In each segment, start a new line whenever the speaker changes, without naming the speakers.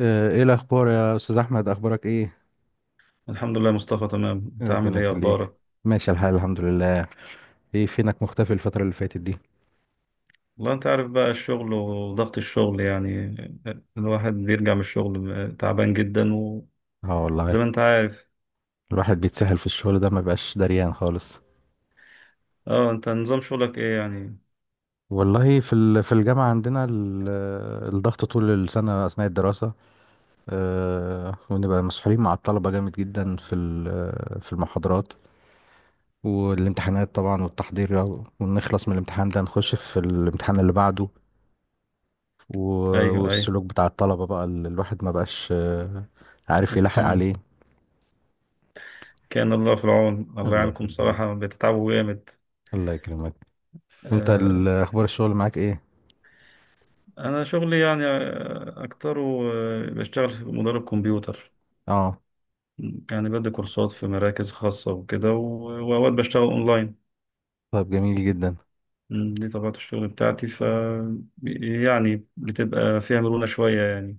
ايه الاخبار يا استاذ احمد؟ اخبارك ايه؟
الحمد لله يا مصطفى، تمام. انت عامل
ربنا
ايه؟
يخليك.
اخبارك؟
ماشي الحال، الحمد لله. ايه فينك مختفي الفتره اللي فاتت دي؟
والله انت عارف بقى الشغل وضغط الشغل يعني. الواحد بيرجع من الشغل تعبان جدا، وزي
اه والله.
ما انت عارف.
الواحد بيتسهل في الشغل ده، ما بقاش دريان خالص.
اه، انت نظام شغلك ايه يعني؟
والله في الجامعه الضغط طول السنه اثناء الدراسه. ونبقى مسحولين مع الطلبه جامد جدا في المحاضرات والامتحانات طبعا والتحضير، ونخلص من الامتحان ده نخش في الامتحان اللي بعده.
ايوه، ايوه.
والسلوك بتاع الطلبة بقى اللي الواحد ما بقاش عارف يلاحق
بتحمل.
عليه.
كان الله في العون، الله
الله
يعينكم
يخليك،
صراحة، بتتعبوا جامد.
الله يكرمك. وانت
آه.
اخبار الشغل معاك ايه؟
انا شغلي يعني اكتره. بشتغل في مدرب كمبيوتر.
اه،
يعني بدي كورسات في مراكز خاصة وكده، واوقات بشتغل اونلاين.
طيب جميل جدا.
دي طبيعة الشغل بتاعتي ف، يعني بتبقى فيها مرونة شوية يعني.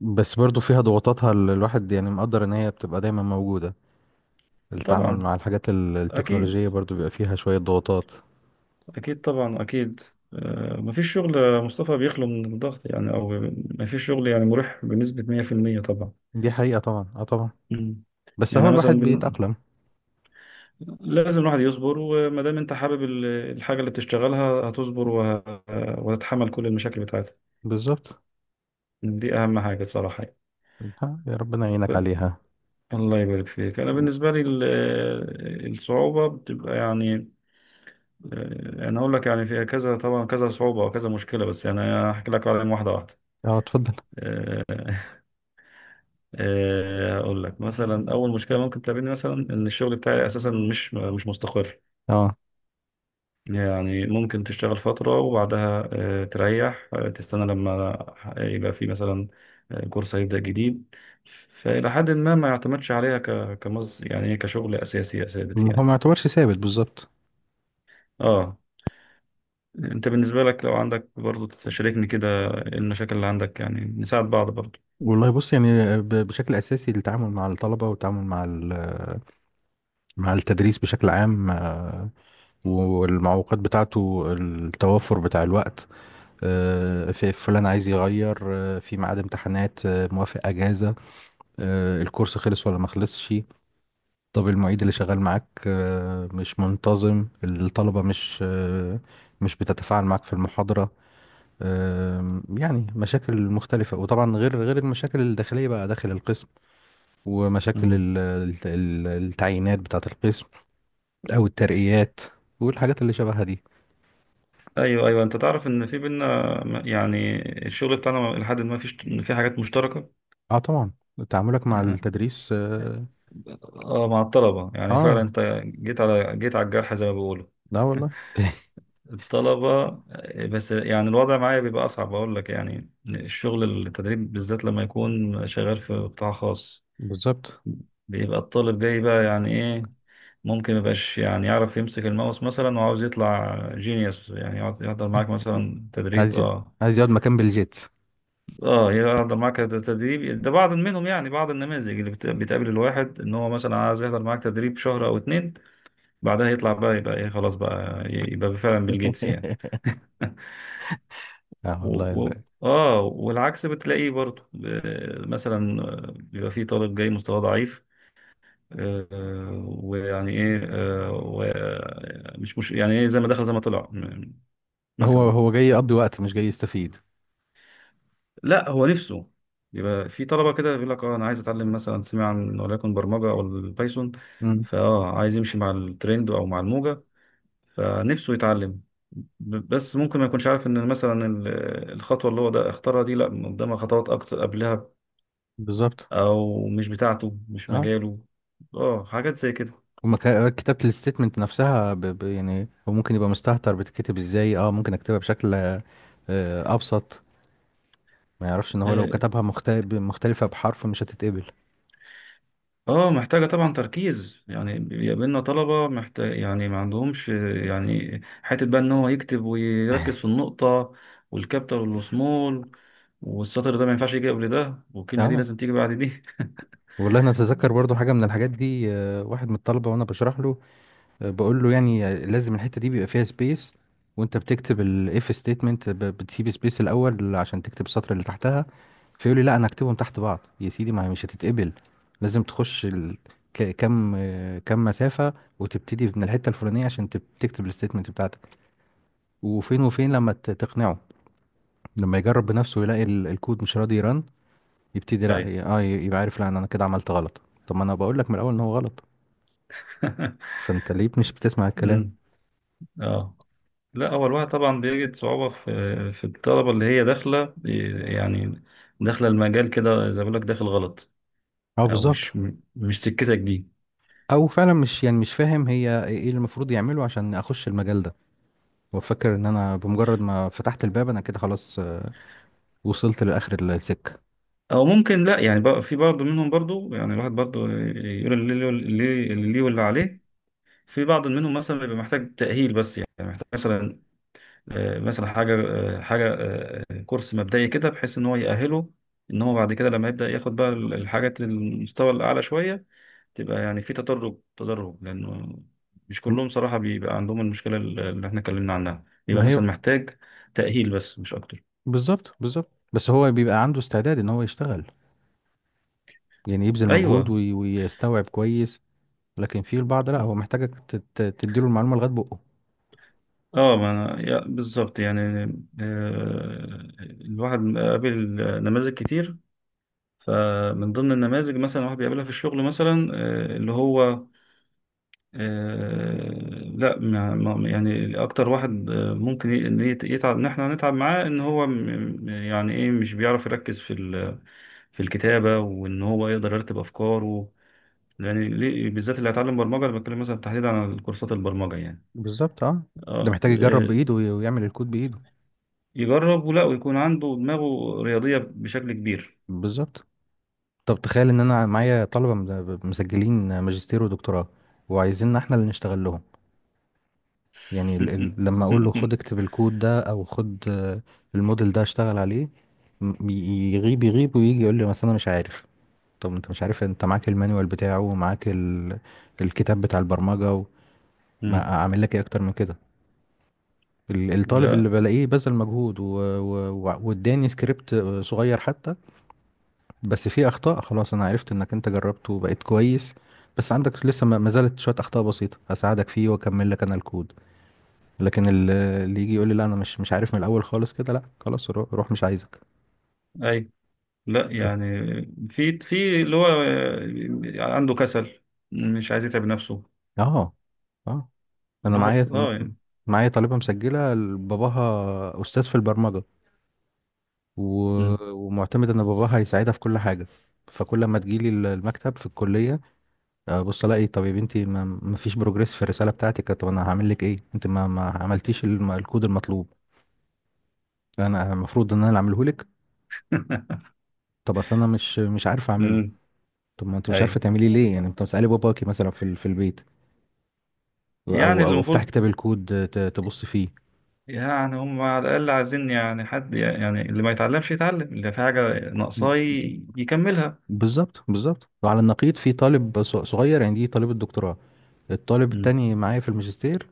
بس برضو فيها ضغوطاتها اللي الواحد يعني مقدر ان هي بتبقى دايما موجودة. التعامل
طبعا.
مع الحاجات التكنولوجية
أكيد.
برضو بيبقى فيها شوية ضغوطات.
أكيد طبعا أكيد. مفيش شغل يا مصطفى بيخلو من الضغط يعني، أو مفيش شغل يعني مريح بنسبة 100% طبعا.
دي حقيقة طبعا، اه طبعا.
مم.
بس
يعني
هو
أنا
الواحد
مثلا
بيتأقلم،
لازم الواحد يصبر، وما دام أنت حابب الحاجة اللي بتشتغلها هتصبر، وتتحمل كل المشاكل بتاعتها.
بالظبط.
دي أهم حاجة صراحة.
ها، يا ربنا يعينك عليها.
الله يبارك فيك. أنا
و-
بالنسبة لي الصعوبة بتبقى يعني. انا اقول لك يعني في كذا طبعا، كذا صعوبه وكذا مشكله، بس يعني أنا هحكي لك عليهم واحده واحده.
اه اتفضل.
آه، اقول لك مثلا اول مشكله ممكن تقابلني، مثلا ان الشغل بتاعي اساسا مش مستقر.
اه،
يعني ممكن تشتغل فتره، وبعدها تريح، تستنى لما يبقى في مثلا كورس هيبدا جديد. فالى حد ما ما يعتمدش عليها كمز يعني إيه، كشغل اساسي ثابت
ما هو
يعني.
ما يعتبرش ثابت، بالظبط.
اه، انت بالنسبه لك لو عندك برضو تشاركني كده إيه المشاكل اللي عندك؟ يعني نساعد بعض برضو.
والله بص، يعني بشكل اساسي التعامل مع الطلبه والتعامل مع مع التدريس بشكل عام. والمعوقات بتاعته التوافر بتاع الوقت. في فلان عايز يغير، في ميعاد امتحانات، موافق اجازه، الكورس خلص ولا ما خلصش. طب المعيد اللي شغال معاك مش منتظم، الطلبه مش مش بتتفاعل معاك في المحاضره. يعني مشاكل مختلفه، وطبعا غير المشاكل الداخليه بقى داخل القسم ومشاكل
مم.
التعيينات بتاعة القسم أو الترقيات والحاجات اللي شبهها دي.
ايوه، ايوه، انت تعرف ان في بينا، يعني الشغل بتاعنا لحد ما فيش، في حاجات مشتركه.
اه طبعا. تعاملك مع
آه.
التدريس، اه.
مع الطلبه يعني فعلا
آه،
انت جيت على الجرح زي ما بيقولوا.
لا والله
الطلبه. بس يعني الوضع معايا بيبقى اصعب. اقول لك يعني الشغل، التدريب بالذات، لما يكون شغال في قطاع خاص
بالظبط.
بيبقى الطالب جاي بقى يعني ايه. ممكن ميبقاش يعني يعرف يمسك الماوس مثلا، وعاوز يطلع جينيوس، يعني يحضر معاك مثلا تدريب.
عايز ي-
اه،
عايز يقعد مكان بالجيت.
اه، هي احضر معاك تدريب ده بعض منهم، يعني بعض النماذج اللي بتقابل الواحد ان هو مثلا عايز يحضر معاك تدريب شهر او اتنين، بعدها يطلع بقى يبقى ايه خلاص بقى يبقى فعلا بيل جيتس يعني.
اه
و...
والله
اه، والعكس بتلاقيه برضه، مثلا بيبقى فيه طالب جاي مستواه ضعيف. ويعني ايه، مش يعني ايه، زي ما دخل زي ما طلع،
هو
مثلا.
هو جاي يقضي وقت مش جاي يستفيد.
لا، هو نفسه يبقى في طلبة كده بيقول لك اه انا عايز اتعلم مثلا، سمع عن وليكن برمجة او البايثون.
امم.
فاه عايز يمشي مع الترند او مع الموجة، فنفسه يتعلم. بس ممكن ما يكونش عارف ان مثلا الخطوة اللي هو ده اختارها دي لا قدامها خطوات اكتر قبلها،
بالظبط،
او مش بتاعته، مش
اه.
مجاله. اه، حاجات زي كده.
ومكا- كتابة الستيتمنت نفسها يعني هو ممكن يبقى مستهتر بتتكتب ازاي. اه، ممكن اكتبها بشكل ابسط. ما يعرفش ان هو لو
آه،
كتبها مختلفة بحرف مش هتتقبل.
اه، محتاجة طبعا تركيز. يعني بيقابلنا طلبة محتاج يعني ما عندهمش، يعني حتة بقى ان هو يكتب ويركز في النقطة والكابيتال والسمول، والسطر ده ما ينفعش يجي قبل ده، والكلمة دي
اه
لازم تيجي بعد دي.
والله انا اتذكر برضو حاجة من الحاجات دي. واحد من الطلبة وانا بشرح له، بقول له يعني لازم الحتة دي بيبقى فيها سبيس. وانت بتكتب الاف ستيتمنت بتسيب سبيس الاول عشان تكتب السطر اللي تحتها. فيقول لي لا انا هكتبهم تحت بعض يا سيدي. ما هي مش هتتقبل، لازم تخش كم كم مسافة وتبتدي من الحتة الفلانية عشان تكتب الستيتمنت بتاعتك. وفين لما تقنعه. لما يجرب بنفسه يلاقي الكود مش راضي يرن، يبتدي لا
ايوه.
ي- اه ي- يبقى عارف لا، انا كده عملت غلط. طب ما انا بقول لك من الاول ان هو غلط. فانت ليه مش بتسمع الكلام؟
أمم، اه. لا، هو الواحد طبعا بيجد صعوبة في، الطلبة اللي هي داخلة، يعني داخلة المجال كده زي ما بقول لك داخل غلط،
اه
او
بالظبط.
مش، مش سكتك دي،
او فعلا مش يعني مش فاهم هي ايه، إيه اللي المفروض يعمله عشان اخش المجال ده. هو فاكر ان انا بمجرد ما فتحت الباب انا كده خلاص، وصلت لاخر السكه.
او ممكن لا يعني في برضه منهم برضه يعني. الواحد برضه يقول اللي ليه، اللي ليه واللي عليه. في بعض منهم مثلا بيبقى محتاج تأهيل بس، يعني محتاج مثلا، مثلا حاجة، حاجة، كورس مبدئي كده بحيث ان هو يأهله، ان هو بعد كده لما يبدأ ياخد بقى الحاجات المستوى الأعلى شوية. تبقى يعني في تدرج، تدرج، لأنه مش
م-
كلهم صراحة بيبقى عندهم المشكلة اللي احنا اتكلمنا عنها، بيبقى
ما هي
مثلا محتاج تأهيل بس مش أكتر.
بالظبط، بالظبط. بس هو بيبقى عنده استعداد ان هو يشتغل، يعني يبذل مجهود
أيوه.
وي- ويستوعب كويس. لكن في البعض لا، هو محتاجك تديله المعلومه لغايه بقه.
اه، ما انا بالظبط يعني. الواحد قابل نماذج كتير. فمن ضمن النماذج مثلا واحد بيقابلها في الشغل مثلا، اللي هو، لا، يعني اكتر واحد ممكن إن يتعب، ان احنا هنتعب معاه، ان هو يعني ايه، مش بيعرف يركز في في الكتابة، وان هو يقدر يرتب افكاره. يعني بالذات اللي هيتعلم برمجة، انا بتكلم مثلا تحديدا عن كورسات البرمجة يعني.
بالظبط، اه. ده
اه.
محتاج يجرب بايده وي- ويعمل الكود بايده.
يجرب ولا ويكون عنده دماغه رياضية بشكل كبير.
بالظبط. طب تخيل ان انا معايا طلبه مسجلين ماجستير ودكتوراه، وعايزيننا احنا اللي نشتغل لهم. يعني ال لما اقول له خد اكتب الكود ده، او خد الموديل ده اشتغل عليه، يغيب ويجي يقول لي مثلا انا مش عارف. طب انت مش عارف، انت معاك المانيوال بتاعه ومعاك ال الكتاب بتاع البرمجه
مم.
ما اعمل لك ايه اكتر من كده؟ الطالب اللي
لا.
بلاقيه بذل مجهود و واداني سكريبت صغير حتى، بس في اخطاء، خلاص انا عرفت انك انت جربته وبقيت كويس. بس عندك لسه ما زالت شويه اخطاء بسيطه، هساعدك فيه واكمل لك انا الكود. لكن اللي يجي يقول لي لا انا مش عارف من الاول خالص كده، لا خلاص روح مش عايزك.
أي، لا
ف-
يعني في، اللي هو عنده كسل، مش عايز يتعب نفسه.
اه، اه. انا
الواحد
معايا
اه يعني.
معايا طالبه مسجله باباها استاذ في البرمجه و...
مم.
ومعتمد ان باباها هيساعدها في كل حاجه. فكل ما تجيلي المكتب في الكليه، بص الاقي، طب يا بنتي ما فيش بروجريس في الرساله بتاعتك، طب انا هعمل لك ايه؟ انت ما عملتيش الكود المطلوب، انا المفروض ان انا اللي اعمله لك؟ طب اصل انا مش عارفه اعمله.
مم.
طب ما انت مش
أي.
عارفه تعمليه ليه، يعني انت مسالي باباكي مثلا في البيت
يعني
او
اللي
او افتح
المفروض،
كتاب الكود؟ تبص فيه.
يعني هم على الأقل عايزين يعني حد، يعني اللي ما يتعلمش يتعلم، اللي في حاجة
ب-
ناقصاه يكملها.
بالظبط، بالظبط. وعلى النقيض في طالب صغير، يعني دي طالب الدكتوراه، الطالب
مم.
التاني معايا في الماجستير.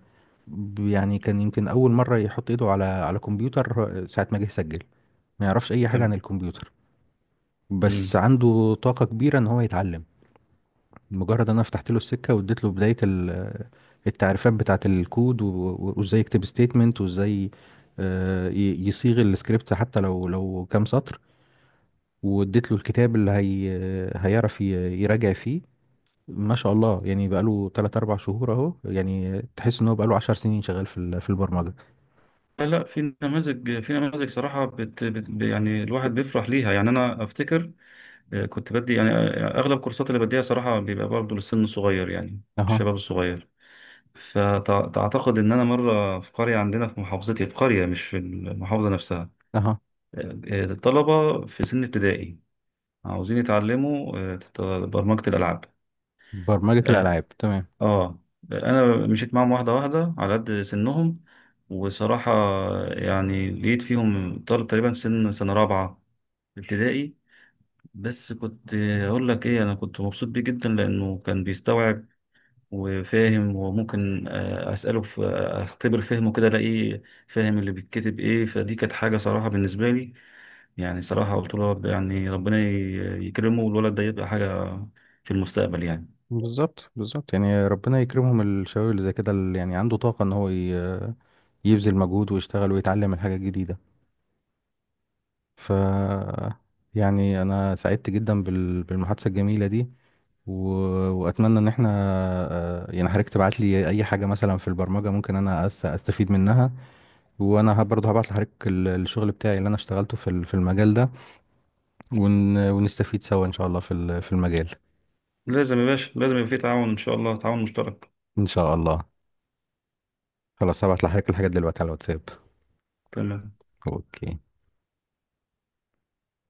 يعني كان يمكن اول مره يحط ايده على على كمبيوتر، ساعه ما جه يسجل ما يعرفش اي حاجه عن
تمام.
الكمبيوتر. بس
مم.
عنده طاقة كبيرة ان هو يتعلم. مجرد انا فتحت له السكة واديت له بداية التعريفات بتاعة الكود و وازاي يكتب ستيتمنت وازاي يصيغ السكريبت حتى لو كام سطر، واديت له الكتاب اللي هي هيعرف يراجع فيه. ما شاء الله يعني بقاله 3 4 شهور اهو، يعني تحس ان هو بقاله 10 سنين شغال في البرمجة.
لا، لا، في نماذج، في نماذج صراحة، بت يعني الواحد بيفرح ليها يعني. أنا أفتكر كنت بدي يعني أغلب الكورسات اللي بديها صراحة بيبقى برضه للسن الصغير يعني،
اها،
الشباب الصغير. فتعتقد إن أنا مرة في قرية عندنا في محافظتي، في قرية مش في المحافظة نفسها،
اها.
الطلبة في سن ابتدائي عاوزين يتعلموا برمجة الألعاب.
برمجة
آه،
الالعاب، تمام.
اه، انا مشيت معاهم واحده واحده على قد سنهم. وصراحه يعني لقيت فيهم طالب تقريبا في سن سنه رابعه ابتدائي. بس كنت اقول لك ايه، انا كنت مبسوط بيه جدا، لانه كان بيستوعب وفاهم، وممكن اساله في، اختبر فهمه كده الاقيه فاهم اللي بيتكتب ايه. فدي كانت حاجه صراحه بالنسبه لي. يعني صراحه قلت له يعني ربنا يكرمه، والولد ده يبقى حاجه في المستقبل يعني.
بالظبط، بالظبط. يعني ربنا يكرمهم الشباب اللي زي كده، اللي يعني عنده طاقة ان هو يبذل مجهود ويشتغل ويتعلم الحاجة الجديدة. ف يعني انا سعدت جدا بالمحادثة الجميلة دي و... واتمنى ان احنا يعني حضرتك تبعت لي اي حاجة مثلا في البرمجة ممكن انا استفيد منها. وانا برضه هبعت لحضرتك الشغل بتاعي اللي انا اشتغلته في المجال ده، ونستفيد سوا ان شاء الله في المجال.
لازم يا باشا، لازم يبقى في تعاون ان شاء الله، تعاون مشترك.
ان شاء الله. خلاص هبعت لحضرتك الحاجات دلوقتي على الواتساب.
تمام.
اوكي.